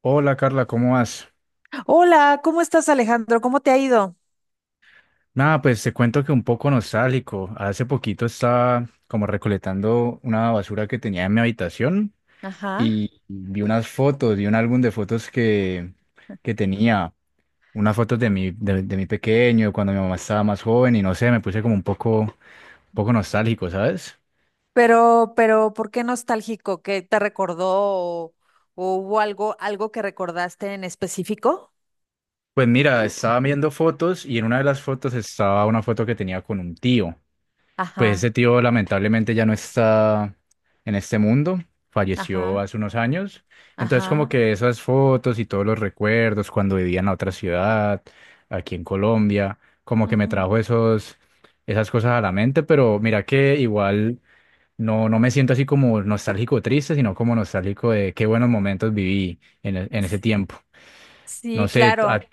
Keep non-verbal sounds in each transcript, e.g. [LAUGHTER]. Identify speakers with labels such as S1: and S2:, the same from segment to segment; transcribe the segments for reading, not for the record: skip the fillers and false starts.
S1: Hola Carla, ¿cómo vas?
S2: Hola, ¿cómo estás, Alejandro? ¿Cómo te ha ido?
S1: Nada, pues te cuento que un poco nostálgico. Hace poquito estaba como recolectando una basura que tenía en mi habitación
S2: Ajá.
S1: y vi unas fotos, vi un álbum de fotos que tenía, unas fotos de mi pequeño, cuando mi mamá estaba más joven y no sé, me puse como un poco nostálgico, ¿sabes?
S2: Pero ¿por qué nostálgico? ¿Qué te recordó o hubo algo que recordaste en específico?
S1: Pues mira, estaba viendo fotos y en una de las fotos estaba una foto que tenía con un tío. Pues ese
S2: Ajá,
S1: tío lamentablemente ya no está en este mundo, falleció
S2: ajá,
S1: hace unos años. Entonces como
S2: ajá.
S1: que esas fotos y todos los recuerdos cuando vivía en la otra ciudad, aquí en Colombia, como que me
S2: Ujú.
S1: trajo esos, esas cosas a la mente, pero mira que igual no, no me siento así como nostálgico o triste, sino como nostálgico de qué buenos momentos viví en, en ese tiempo. No
S2: Sí,
S1: sé,
S2: claro.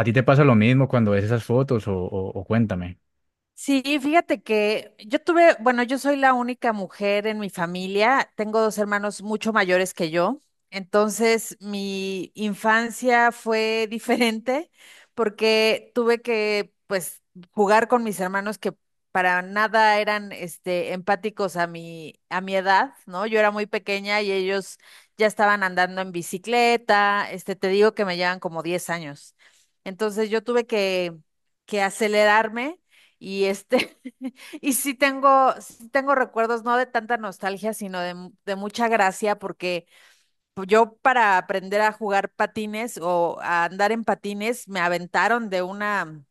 S1: a ti te pasa lo mismo cuando ves esas fotos o cuéntame?
S2: Sí, fíjate que yo tuve, bueno, yo soy la única mujer en mi familia, tengo dos hermanos mucho mayores que yo, entonces mi infancia fue [LAUGHS] diferente porque tuve que, pues, jugar con mis hermanos que para nada eran, empáticos a a mi edad, ¿no? Yo era muy pequeña y ellos ya estaban andando en bicicleta, te digo que me llevan como 10 años. Entonces yo tuve que acelerarme y [LAUGHS] y sí tengo recuerdos, no de tanta nostalgia, sino de, de mucha gracia, porque pues, yo para aprender a jugar patines o a andar en patines, me aventaron de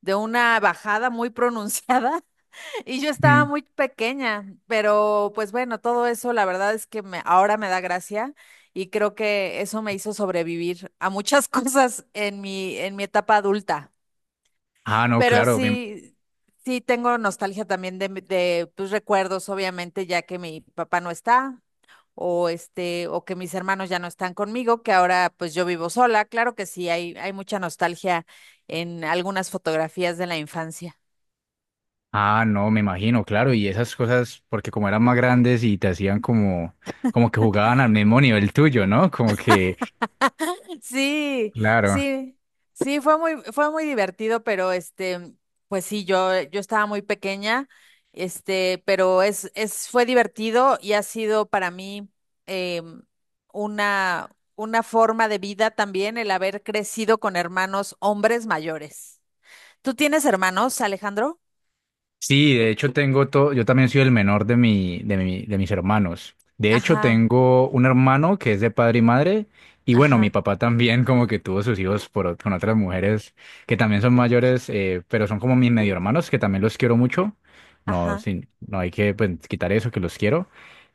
S2: de una bajada muy pronunciada [LAUGHS] y yo estaba
S1: Mm.
S2: muy pequeña, pero pues bueno, todo eso la verdad es que me, ahora me da gracia y creo que eso me hizo sobrevivir a muchas [LAUGHS] cosas en en mi etapa adulta.
S1: Ah, no,
S2: Pero
S1: claro.
S2: sí, sí tengo nostalgia también de, de tus recuerdos, obviamente, ya que mi papá no está, o o que mis hermanos ya no están conmigo, que ahora pues yo vivo sola. Claro que sí, hay mucha nostalgia en algunas fotografías de la infancia.
S1: Ah, no, me imagino, claro, y esas cosas, porque como eran más grandes y te hacían como, como que jugaban al mismo nivel tuyo, ¿no? Como que,
S2: Sí,
S1: claro.
S2: sí, sí, fue muy divertido, pero pues sí, yo estaba muy pequeña, pero fue divertido y ha sido para mí em, una forma de vida también el haber crecido con hermanos hombres mayores. ¿Tú tienes hermanos, Alejandro?
S1: Sí, de hecho tengo todo, yo también soy el menor de mis hermanos. De hecho,
S2: Ajá,
S1: tengo un hermano que es de padre y madre, y bueno, mi
S2: ajá,
S1: papá también como que tuvo sus hijos por, con otras mujeres que también son mayores, pero son como mis medio hermanos, que también los quiero mucho. No,
S2: ajá,
S1: no hay que pues, quitar eso, que los quiero.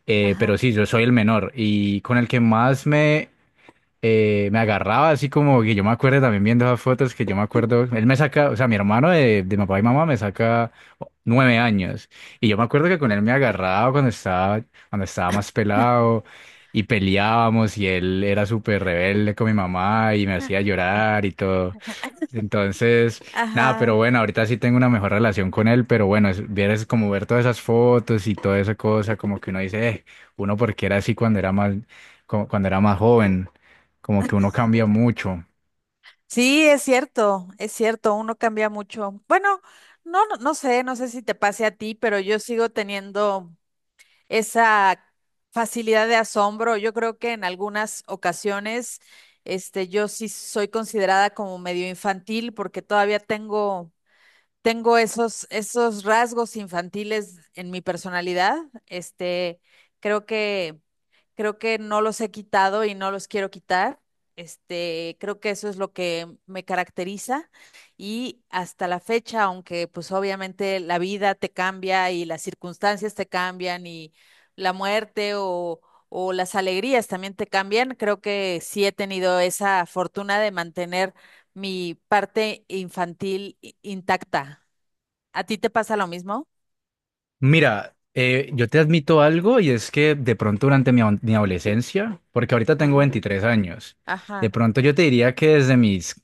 S1: Pero
S2: ajá.
S1: sí, yo soy el menor y con el que más me agarraba así como que yo me acuerdo también viendo esas fotos que yo me acuerdo, él me saca, o sea, mi hermano de papá y mamá me saca 9 años y yo me acuerdo que con él me agarraba cuando cuando estaba más pelado y peleábamos y él era súper rebelde con mi mamá y me hacía llorar y todo.
S2: [LAUGHS]
S1: Entonces, nada, pero
S2: Ajá.
S1: bueno, ahorita sí tengo una mejor relación con él, pero bueno, es, vieras como ver todas esas fotos y toda esa cosa, como que uno dice, uno porque era así cuando era como cuando era más joven, como que uno cambia mucho.
S2: Sí, es cierto, uno cambia mucho. Bueno, no sé, no sé si te pase a ti, pero yo sigo teniendo esa facilidad de asombro. Yo creo que en algunas ocasiones, yo sí soy considerada como medio infantil porque todavía tengo tengo esos, esos rasgos infantiles en mi personalidad. Este, creo que, creo que no los he quitado y no los quiero quitar. Creo que eso es lo que me caracteriza y hasta la fecha, aunque pues obviamente la vida te cambia y las circunstancias te cambian y la muerte o las alegrías también te cambian, creo que sí he tenido esa fortuna de mantener mi parte infantil intacta. ¿A ti te pasa lo mismo?
S1: Mira, yo te admito algo y es que de pronto durante mi, mi adolescencia, porque ahorita tengo
S2: Ajá,
S1: 23 años, de
S2: ajá,
S1: pronto yo te diría que desde mis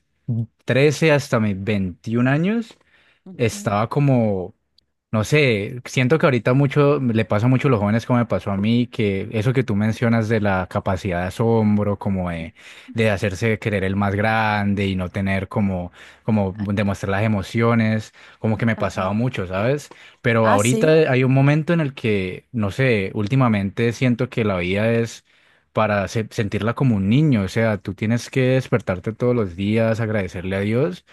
S1: 13 hasta mis 21 años,
S2: ujú,
S1: estaba como, no sé, siento que ahorita mucho le pasa mucho a los jóvenes como me pasó a mí, que eso que tú mencionas de la capacidad de asombro, como de hacerse querer el más grande y no tener como, como
S2: a-
S1: demostrar las emociones, como que me
S2: ajá.
S1: pasaba mucho, ¿sabes? Pero
S2: Ah,
S1: ahorita
S2: sí,
S1: hay un momento en el que, no sé, últimamente siento que la vida es para sentirla como un niño, o sea, tú tienes que despertarte todos los días, agradecerle a Dios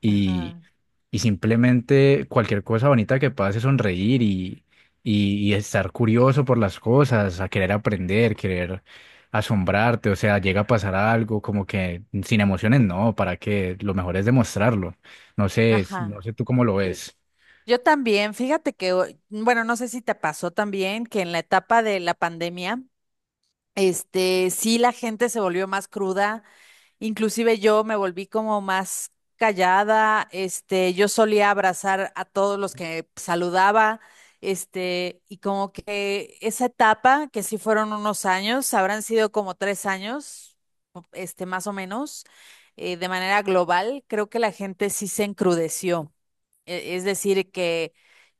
S1: y,
S2: ajá,
S1: y simplemente cualquier cosa bonita que pase, sonreír y estar curioso por las cosas, a querer aprender, querer asombrarte, o sea, llega a pasar algo como que sin emociones, no, para que lo mejor es demostrarlo. No sé, no
S2: ajá.
S1: sé tú cómo lo ves.
S2: Yo también, fíjate que, bueno, no sé si te pasó también que en la etapa de la pandemia, sí la gente se volvió más cruda. Inclusive yo me volví como más callada, yo solía abrazar a todos los que saludaba, y como que esa etapa, que sí fueron unos años, habrán sido como 3 años, más o menos, de manera global, creo que la gente sí se encrudeció. Es decir, que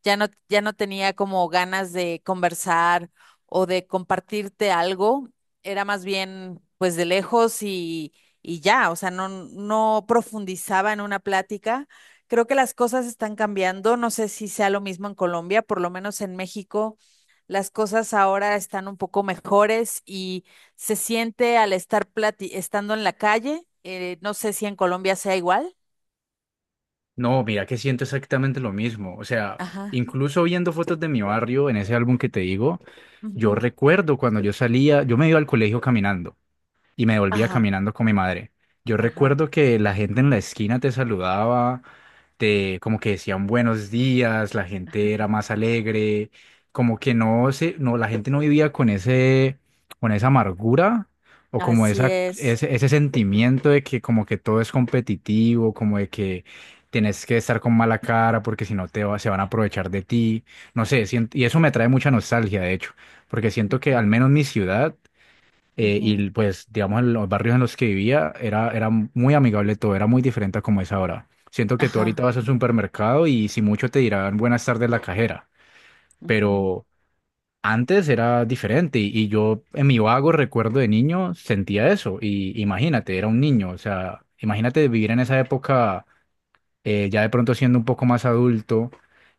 S2: ya no, ya no tenía como ganas de conversar o de compartirte algo, era más bien pues de lejos y ya, o sea, no profundizaba en una plática. Creo que las cosas están cambiando, no sé si sea lo mismo en Colombia, por lo menos en México, las cosas ahora están un poco mejores y se siente al estar estando en la calle, no sé si en Colombia sea igual.
S1: No, mira que siento exactamente lo mismo, o sea,
S2: Ajá.
S1: incluso viendo fotos de mi barrio en ese álbum que te digo, yo
S2: Ujú,
S1: recuerdo cuando yo salía, yo me iba al colegio caminando, y me volvía
S2: ajá.
S1: caminando con mi madre. Yo
S2: Ajá,
S1: recuerdo que la gente en la esquina te saludaba, te como que decían buenos días, la gente era más alegre, como que no se, no, la gente no vivía con ese, con esa amargura o como
S2: así
S1: esa,
S2: es.
S1: ese sentimiento de que como que todo es competitivo, como de que tienes que estar con mala cara porque si no se van a aprovechar de ti. No sé, y eso me trae mucha nostalgia, de hecho, porque siento que al menos mi ciudad
S2: Ujú,
S1: y pues, digamos, en los barrios en los que vivía era muy amigable todo, era muy diferente a como es ahora. Siento que tú ahorita
S2: ajá,
S1: vas al supermercado y si mucho te dirán buenas tardes la cajera,
S2: ujú.
S1: pero antes era diferente y yo en mi vago recuerdo de niño sentía eso y imagínate, era un niño, o sea, imagínate vivir en esa época ya de pronto siendo un poco más adulto,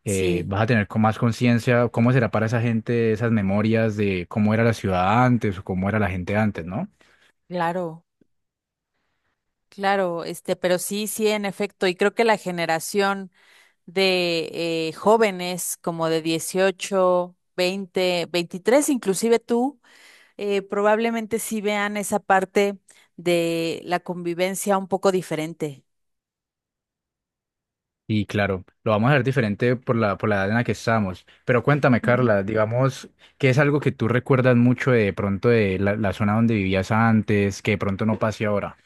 S2: Sí,
S1: vas a tener con más conciencia cómo será para esa gente esas memorias de cómo era la ciudad antes o cómo era la gente antes, ¿no?
S2: claro, claro, pero sí, sí, en efecto, y creo que la generación de jóvenes como de 18, 20, 23, inclusive tú, probablemente sí vean esa parte de la convivencia un poco diferente.
S1: Y claro, lo vamos a ver diferente por la edad en la que estamos. Pero cuéntame, Carla, digamos, ¿qué es algo que tú recuerdas mucho de pronto de la zona donde vivías antes, que de pronto no pase ahora?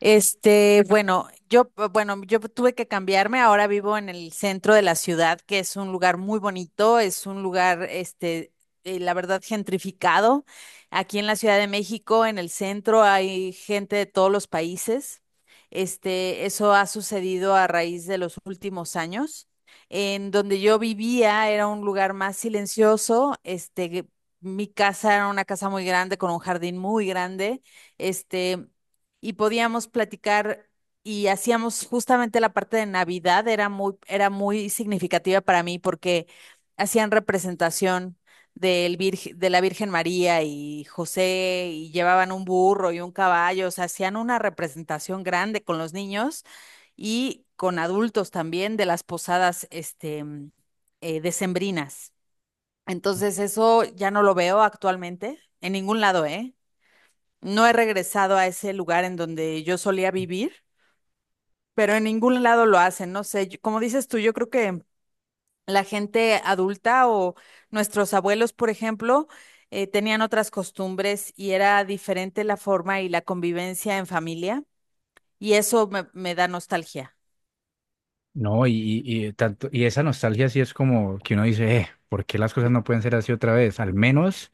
S2: Bueno, bueno, yo tuve que cambiarme. Ahora vivo en el centro de la ciudad, que es un lugar muy bonito, es un lugar, la verdad, gentrificado. Aquí en la Ciudad de México, en el centro, hay gente de todos los países. Eso ha sucedido a raíz de los últimos años. En donde yo vivía era un lugar más silencioso. Mi casa era una casa muy grande con un jardín muy grande. Este y podíamos platicar y hacíamos justamente la parte de Navidad, era muy significativa para mí porque hacían representación de la Virgen María y José y llevaban un burro y un caballo, o sea, hacían una representación grande con los niños y con adultos también de las posadas decembrinas. Entonces eso ya no lo veo actualmente en ningún lado, ¿eh? No he regresado a ese lugar en donde yo solía vivir, pero en ningún lado lo hacen. No sé, como dices tú, yo creo que la gente adulta o nuestros abuelos, por ejemplo, tenían otras costumbres y era diferente la forma y la convivencia en familia, y eso me da nostalgia.
S1: No, y tanto, y esa nostalgia sí es como que uno dice, ¿por qué las cosas no pueden ser así otra vez? Al menos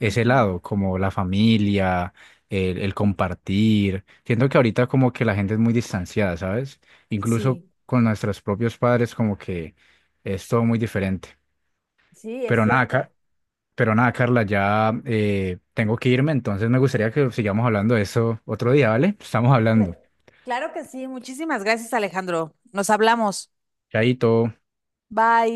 S1: ese
S2: Ujú.
S1: lado, como la familia, el compartir. Siento que ahorita como que la gente es muy distanciada, ¿sabes? Incluso
S2: Sí.
S1: con nuestros propios padres como que es todo muy diferente.
S2: Sí, es
S1: Pero nada, Ca-
S2: cierto.
S1: Pero nada, Carla, ya tengo que irme, entonces me gustaría que sigamos hablando de eso otro día, ¿vale? Estamos
S2: Cla-
S1: hablando.
S2: claro que sí. Muchísimas gracias, Alejandro. Nos hablamos.
S1: Chaito.
S2: Bye.